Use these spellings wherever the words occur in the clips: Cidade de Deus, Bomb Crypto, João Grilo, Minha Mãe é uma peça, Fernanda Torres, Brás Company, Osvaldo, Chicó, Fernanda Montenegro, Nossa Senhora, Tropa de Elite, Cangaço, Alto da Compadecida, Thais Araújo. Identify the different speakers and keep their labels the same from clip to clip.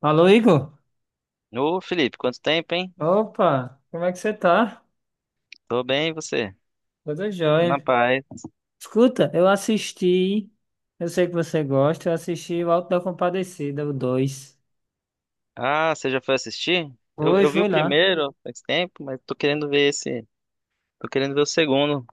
Speaker 1: Alô, Igor?
Speaker 2: Ô, Felipe, quanto tempo, hein?
Speaker 1: Opa, como é que você tá?
Speaker 2: Tô bem, e você?
Speaker 1: Tudo
Speaker 2: Na
Speaker 1: jóia.
Speaker 2: paz.
Speaker 1: Escuta, eu assisti, eu sei que você gosta, eu assisti o Alto da Compadecida, o 2.
Speaker 2: Ah, você já foi assistir? Eu,
Speaker 1: Foi,
Speaker 2: eu vi o
Speaker 1: foi lá.
Speaker 2: primeiro faz tempo, mas tô querendo ver esse. Tô querendo ver o segundo.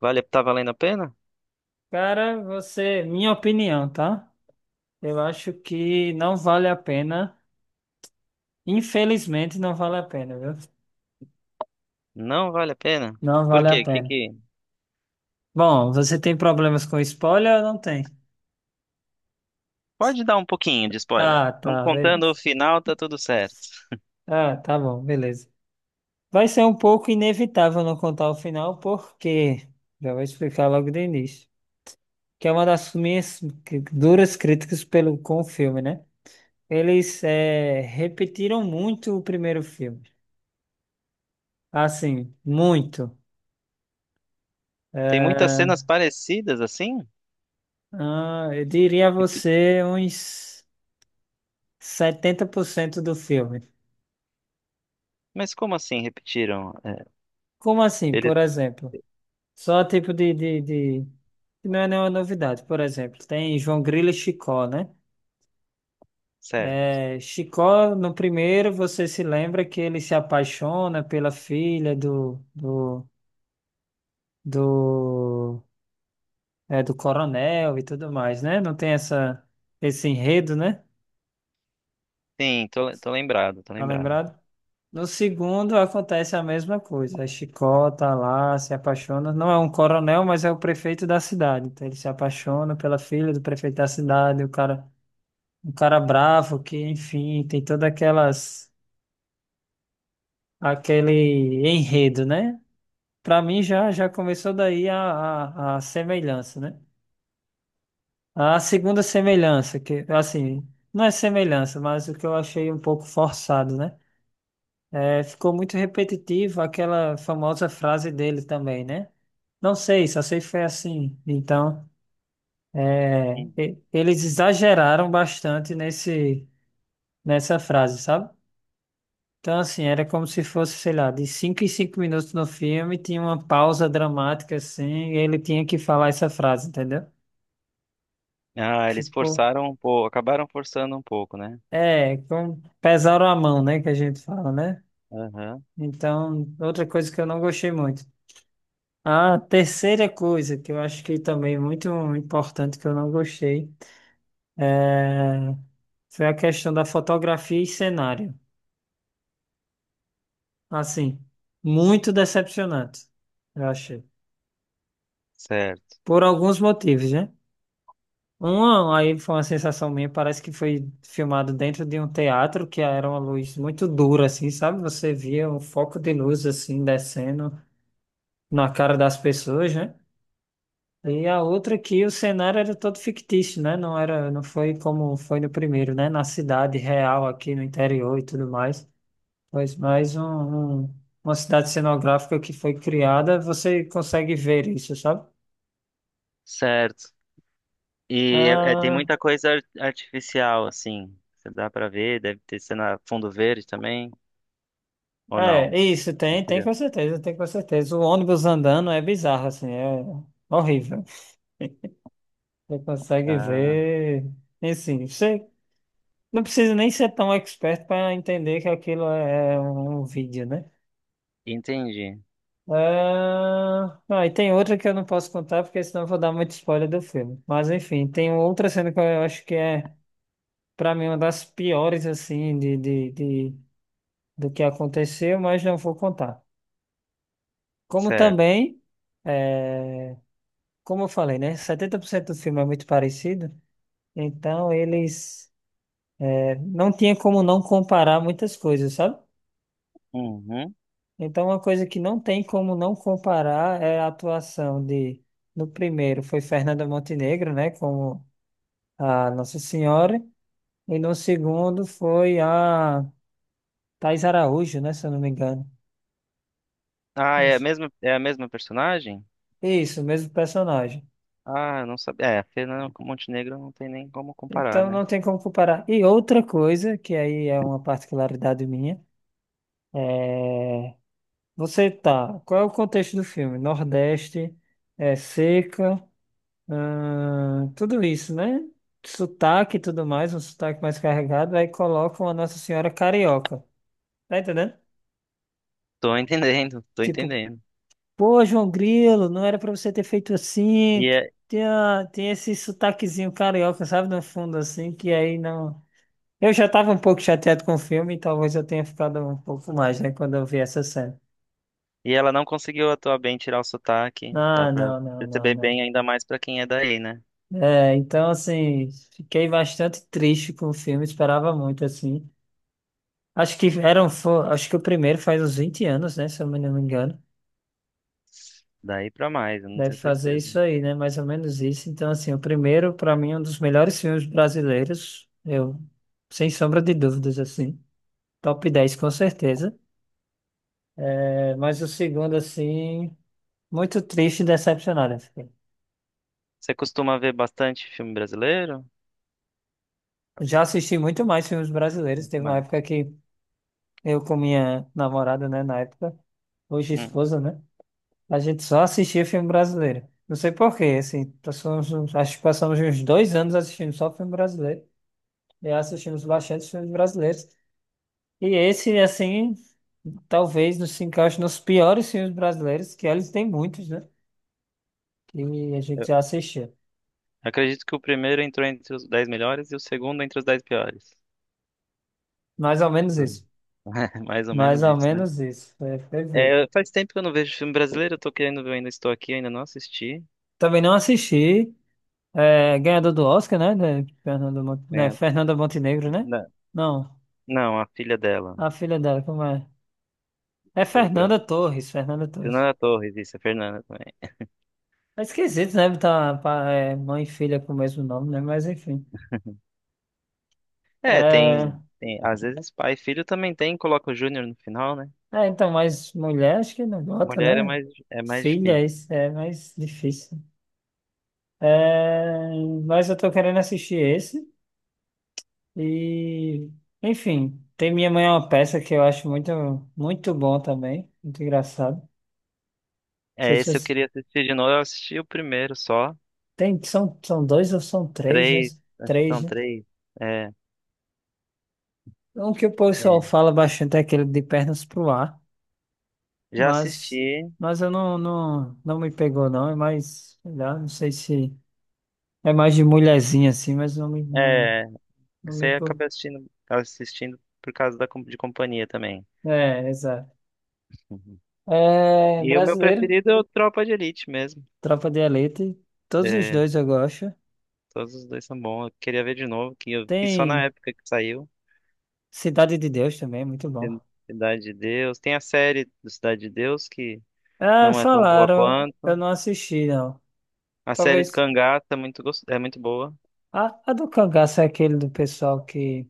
Speaker 2: Vale, tá valendo a pena?
Speaker 1: Cara, você, minha opinião, tá? Eu acho que não vale a pena. Infelizmente, não vale a pena, viu?
Speaker 2: Não vale a pena?
Speaker 1: Não
Speaker 2: Por
Speaker 1: vale a
Speaker 2: quê?
Speaker 1: pena.
Speaker 2: Que...
Speaker 1: Bom, você tem problemas com spoiler ou não tem?
Speaker 2: Pode dar um pouquinho de spoiler.
Speaker 1: Tá,
Speaker 2: Não
Speaker 1: tá,
Speaker 2: contando o
Speaker 1: beleza.
Speaker 2: final, tá tudo certo.
Speaker 1: Ah, tá bom, beleza. Vai ser um pouco inevitável não contar o final, porque já vou explicar logo de início. Que é uma das minhas duras críticas pelo, com o filme, né? Eles repetiram muito o primeiro filme. Assim, muito.
Speaker 2: Tem muitas cenas parecidas assim?
Speaker 1: Ah, eu diria a
Speaker 2: Repi-
Speaker 1: você uns 70% do filme.
Speaker 2: Mas como assim repetiram? É,
Speaker 1: Como assim,
Speaker 2: eles.
Speaker 1: por exemplo? Só tipo de... Não é nenhuma novidade. Por exemplo, tem João Grilo e Chicó, né?
Speaker 2: Certo.
Speaker 1: É, Chicó, no primeiro, você se lembra que ele se apaixona pela filha do, é, do coronel e tudo mais, né? Não tem essa, esse enredo, né?
Speaker 2: Sim, tô lembrado, tô
Speaker 1: Tá
Speaker 2: lembrado.
Speaker 1: lembrado? No segundo, acontece a mesma coisa. Chicó tá lá, se apaixona. Não é um coronel, mas é o prefeito da cidade. Então, ele se apaixona pela filha do prefeito da cidade, o cara, um cara bravo que, enfim, tem toda aquelas aquele enredo, né? Para mim já começou daí a semelhança, né? A segunda semelhança, que assim, não é semelhança, mas o que eu achei um pouco forçado, né? É, ficou muito repetitivo aquela famosa frase dele também, né? Não sei, só sei que foi assim. Então,
Speaker 2: Hum.
Speaker 1: eles exageraram bastante nessa frase, sabe? Então, assim, era como se fosse, sei lá, de 5 em 5 minutos no filme, tinha uma pausa dramática, assim, e ele tinha que falar essa frase, entendeu?
Speaker 2: Ah, eles
Speaker 1: Ficou.
Speaker 2: forçaram um pouco, acabaram forçando um pouco, né?
Speaker 1: É, com... pesaram a mão, né? Que a gente fala, né?
Speaker 2: Aham.
Speaker 1: Então, outra coisa que eu não gostei muito. A terceira coisa que eu acho que também é muito importante que eu não gostei é... foi a questão da fotografia e cenário. Assim, muito decepcionante, eu achei.
Speaker 2: Certo,
Speaker 1: Por alguns motivos, né? Uma, aí foi uma sensação minha, parece que foi filmado dentro de um teatro, que era uma luz muito dura, assim, sabe? Você via um foco de luz, assim, descendo na cara das pessoas, né? E a outra que o cenário era todo fictício, né? Não era, não foi como foi no primeiro, né? Na cidade real, aqui no interior e tudo mais. Pois mais uma cidade cenográfica que foi criada, você consegue ver isso, sabe?
Speaker 2: certo. E é, tem
Speaker 1: Ah,
Speaker 2: muita coisa artificial, assim. Você dá pra ver, deve ter cena fundo verde também, ou não?
Speaker 1: é, isso,
Speaker 2: Não.
Speaker 1: tem, tem com certeza, tem com certeza. O ônibus andando é bizarro, assim, é horrível. Você consegue
Speaker 2: Ah,
Speaker 1: ver, enfim, você não precisa nem ser tão expert para entender que aquilo é um vídeo, né?
Speaker 2: entendi.
Speaker 1: Ah, ah, e tem outra que eu não posso contar, porque senão eu vou dar muito spoiler do filme. Mas, enfim, tem outra cena que eu acho que é, para mim, uma das piores, assim, do que aconteceu, mas não vou contar. Como
Speaker 2: Certo.
Speaker 1: também. É, como eu falei, né? 70% do filme é muito parecido, então eles é, não tinha como não comparar muitas coisas, sabe?
Speaker 2: Uhum.
Speaker 1: Então, uma coisa que não tem como não comparar é a atuação de, no primeiro foi Fernanda Montenegro, né? Como a Nossa Senhora, e no segundo foi a Thais Araújo, né? Se eu não me engano.
Speaker 2: Ah,
Speaker 1: Mas-
Speaker 2: é a mesma personagem?
Speaker 1: Isso, o mesmo personagem.
Speaker 2: Ah, eu não sabia. É, a Fernanda Montenegro não tem nem como comparar,
Speaker 1: Então,
Speaker 2: né?
Speaker 1: não tem como comparar. E outra coisa, que aí é uma particularidade minha, é, você tá. Qual é o contexto do filme? Nordeste, é seca, tudo isso, né? Sotaque e tudo mais, um sotaque mais carregado, aí colocam a Nossa Senhora Carioca. Tá entendendo?
Speaker 2: Tô entendendo, tô
Speaker 1: Tipo,
Speaker 2: entendendo.
Speaker 1: pô, João Grilo, não era pra você ter feito
Speaker 2: E,
Speaker 1: assim.
Speaker 2: é-
Speaker 1: Tem, tem esse sotaquezinho carioca, sabe, no fundo, assim, que aí não. Eu já tava um pouco chateado com o filme, talvez eu tenha ficado um pouco mais, né, quando eu vi essa cena.
Speaker 2: e ela não conseguiu atuar bem, tirar o sotaque. Dá
Speaker 1: Não,
Speaker 2: pra
Speaker 1: não, não, não,
Speaker 2: perceber bem,
Speaker 1: não.
Speaker 2: ainda mais pra quem é daí, né?
Speaker 1: É, então, assim, fiquei bastante triste com o filme, esperava muito, assim. Acho que acho que o primeiro faz uns 20 anos, né, se eu não me engano.
Speaker 2: Daí pra mais, eu não
Speaker 1: Deve
Speaker 2: tenho
Speaker 1: fazer
Speaker 2: certeza.
Speaker 1: isso aí, né, mais ou menos isso. Então, assim, o primeiro, para mim, é um dos melhores filmes brasileiros, eu, sem sombra de dúvidas, assim. Top 10 com certeza. É, mas o segundo, assim, muito triste e decepcionado eu fiquei.
Speaker 2: Você costuma ver bastante filme brasileiro?
Speaker 1: Já assisti muito mais filmes brasileiros, teve uma
Speaker 2: Mas,
Speaker 1: época que eu com minha namorada, né, na época, hoje
Speaker 2: hum,
Speaker 1: esposa, né? A gente só assistia filme brasileiro. Não sei por quê, assim, acho que passamos uns 2 anos assistindo só filme brasileiro. E assistimos bastante filmes brasileiros. E esse, assim, talvez nos se encaixe nos piores filmes brasileiros, que eles têm muitos, né? Que a gente
Speaker 2: eu
Speaker 1: já assistia.
Speaker 2: acredito que o primeiro entrou entre os 10 melhores e o segundo entre os 10 piores.
Speaker 1: Mais ou menos
Speaker 2: Pronto.
Speaker 1: isso.
Speaker 2: Mais ou
Speaker 1: Mais
Speaker 2: menos
Speaker 1: ou
Speaker 2: isso, né?
Speaker 1: menos isso. É, perfeito.
Speaker 2: É, faz tempo que eu não vejo filme brasileiro, eu tô querendo ver, ainda estou aqui, ainda não assisti.
Speaker 1: Também não assisti. É, ganhador do Oscar, né? Né, né?
Speaker 2: Né?
Speaker 1: Fernanda Montenegro, né?
Speaker 2: Na-
Speaker 1: Não.
Speaker 2: Não, a filha dela,
Speaker 1: A filha dela, como é? É
Speaker 2: deu
Speaker 1: Fernanda
Speaker 2: branco.
Speaker 1: Torres, Fernanda Torres.
Speaker 2: Fernanda Torres, isso, a Fernanda também.
Speaker 1: É esquisito, né? É, mãe e filha com o mesmo nome, né? Mas enfim.
Speaker 2: É,
Speaker 1: É,
Speaker 2: tem, tem, às vezes pai e filho também tem, coloca o Júnior no final, né?
Speaker 1: então, mas mulher acho que não bota,
Speaker 2: Mulher
Speaker 1: né?
Speaker 2: é mais
Speaker 1: Filha,
Speaker 2: difícil.
Speaker 1: isso é mais difícil. É, mas eu tô querendo assistir esse. E, enfim, tem Minha Mãe é uma peça que eu acho muito, muito bom também. Muito engraçado. Não sei
Speaker 2: É,
Speaker 1: se
Speaker 2: esse eu
Speaker 1: você-
Speaker 2: queria assistir de novo, eu assisti o primeiro só.
Speaker 1: tem, são dois ou são três, né?
Speaker 2: Três, acho que
Speaker 1: Três,
Speaker 2: são
Speaker 1: né?
Speaker 2: três. É,
Speaker 1: Um que o pessoal
Speaker 2: é.
Speaker 1: fala bastante é aquele de pernas pro ar.
Speaker 2: Já assisti.
Speaker 1: Mas, mas eu não me pegou, não. É mais, sei lá, não sei se é mais de mulherzinha assim, mas não me, não,
Speaker 2: É,
Speaker 1: não me.
Speaker 2: você,
Speaker 1: cur-
Speaker 2: acabei assistindo, assistindo por causa da, de companhia também.
Speaker 1: É, exato.
Speaker 2: Uhum.
Speaker 1: É
Speaker 2: E o meu
Speaker 1: brasileiro,
Speaker 2: preferido é o Tropa de Elite mesmo.
Speaker 1: Tropa de Elite. Todos os
Speaker 2: É,
Speaker 1: dois eu gosto.
Speaker 2: todos os dois são bons. Eu queria ver de novo, que eu vi só na
Speaker 1: Tem
Speaker 2: época que saiu.
Speaker 1: Cidade de Deus também, muito bom.
Speaker 2: Tem Cidade de Deus. Tem a série do Cidade de Deus, que
Speaker 1: Ah,
Speaker 2: não é tão boa
Speaker 1: falaram, eu
Speaker 2: quanto.
Speaker 1: não assisti, não.
Speaker 2: A série do
Speaker 1: Talvez.
Speaker 2: Cangaço é muito, é muito boa,
Speaker 1: A do cangaço é aquele do pessoal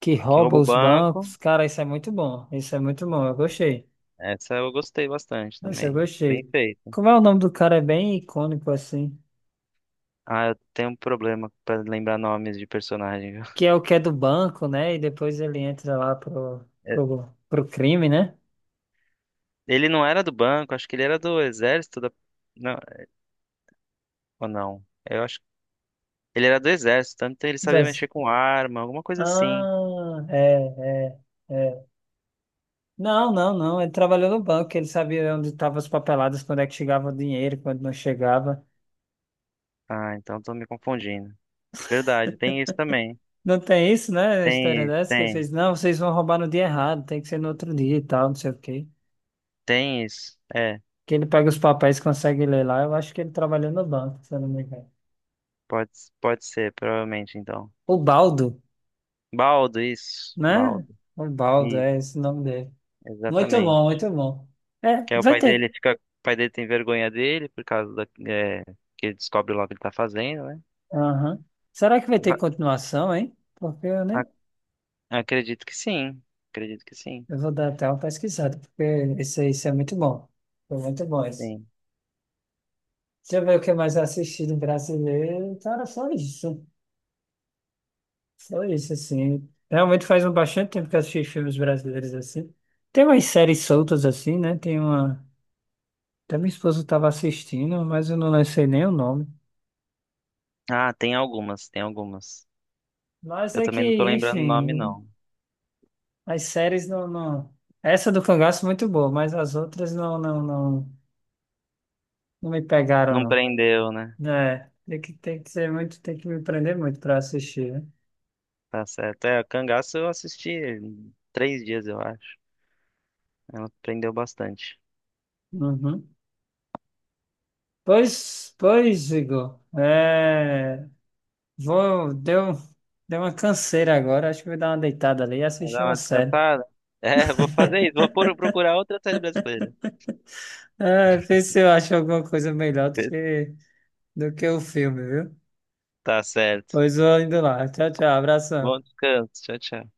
Speaker 1: que
Speaker 2: que rouba
Speaker 1: rouba
Speaker 2: o
Speaker 1: os
Speaker 2: banco.
Speaker 1: bancos. Cara, isso é muito bom. Isso é muito bom, eu gostei.
Speaker 2: Essa eu gostei bastante
Speaker 1: Nossa, eu
Speaker 2: também. Bem
Speaker 1: gostei.
Speaker 2: feita.
Speaker 1: Como é o nome do cara? É bem icônico assim.
Speaker 2: Ah, eu tenho um problema pra lembrar nomes de personagem, viu?
Speaker 1: Que é o que é do banco, né? E depois ele entra lá pro,
Speaker 2: É,
Speaker 1: pro, pro crime, né?
Speaker 2: ele não era do banco, acho que ele era do exército da... Não, ou não? Eu acho que ele era do exército, tanto ele sabia
Speaker 1: Diz,
Speaker 2: mexer com arma, alguma coisa assim.
Speaker 1: ah, é. Não, não, não. Ele trabalhou no banco, ele sabia onde estavam as papeladas, quando é que chegava o dinheiro, quando não chegava.
Speaker 2: Ah, então tô me confundindo. Verdade, tem isso também.
Speaker 1: Não tem isso, né? A história
Speaker 2: Tem, isso,
Speaker 1: dessa que ele
Speaker 2: tem,
Speaker 1: fez, não, vocês vão roubar no dia errado, tem que ser no outro dia e tal, não sei o quê.
Speaker 2: tem isso. É,
Speaker 1: Que ele pega os papéis e consegue ler lá. Eu acho que ele trabalhou no banco, se eu não me engano.
Speaker 2: pode, pode ser, provavelmente, então.
Speaker 1: O Baldo,
Speaker 2: Baldo, isso.
Speaker 1: né?
Speaker 2: Baldo,
Speaker 1: Osvaldo,
Speaker 2: isso,
Speaker 1: é esse o nome dele. Muito bom,
Speaker 2: exatamente.
Speaker 1: muito bom. É,
Speaker 2: Que aí o
Speaker 1: vai
Speaker 2: pai
Speaker 1: ter.
Speaker 2: dele fica... O pai dele tem vergonha dele por causa da... É, que ele descobre lá o que ele tá fazendo, né?
Speaker 1: Aham. Será que vai ter
Speaker 2: Va-
Speaker 1: continuação, hein? Porque eu nem.
Speaker 2: Acredito que sim. Acredito que sim.
Speaker 1: Eu vou dar até uma pesquisada, porque esse é muito bom. Foi muito bom esse.
Speaker 2: Sim.
Speaker 1: Deixa eu ver o que mais eu assisti do brasileiro. Cara, só isso. Só isso, assim. Realmente faz um bastante tempo que eu assisti filmes brasileiros assim. Tem umas séries soltas assim, né? Tem uma. Até minha esposa estava assistindo, mas eu não sei nem o nome.
Speaker 2: Ah, tem algumas, tem algumas.
Speaker 1: Mas
Speaker 2: Eu
Speaker 1: é que,
Speaker 2: também não tô lembrando o nome,
Speaker 1: enfim.
Speaker 2: não.
Speaker 1: As séries não, não. Essa do Cangaço é muito boa, mas as outras não me pegaram,
Speaker 2: Não
Speaker 1: não.
Speaker 2: prendeu, né?
Speaker 1: É, tem que ser muito, tem que me prender muito para assistir, né?
Speaker 2: Tá certo. É, Cangaço eu assisti em 3 dias, eu acho. Ela prendeu bastante.
Speaker 1: Uhum. Pois, pois, Igor, vou, deu, deu uma canseira agora, acho que vou dar uma deitada ali e
Speaker 2: Vou
Speaker 1: assistir
Speaker 2: dar
Speaker 1: uma
Speaker 2: uma
Speaker 1: série.
Speaker 2: descansada? É, eu vou fazer isso. Vou procurar outra série brasileira.
Speaker 1: É, ver se eu acho alguma coisa melhor do que o filme, viu?
Speaker 2: Tá certo.
Speaker 1: Pois vou indo lá. Tchau, tchau, abração.
Speaker 2: Bom descanso. Tchau, tchau.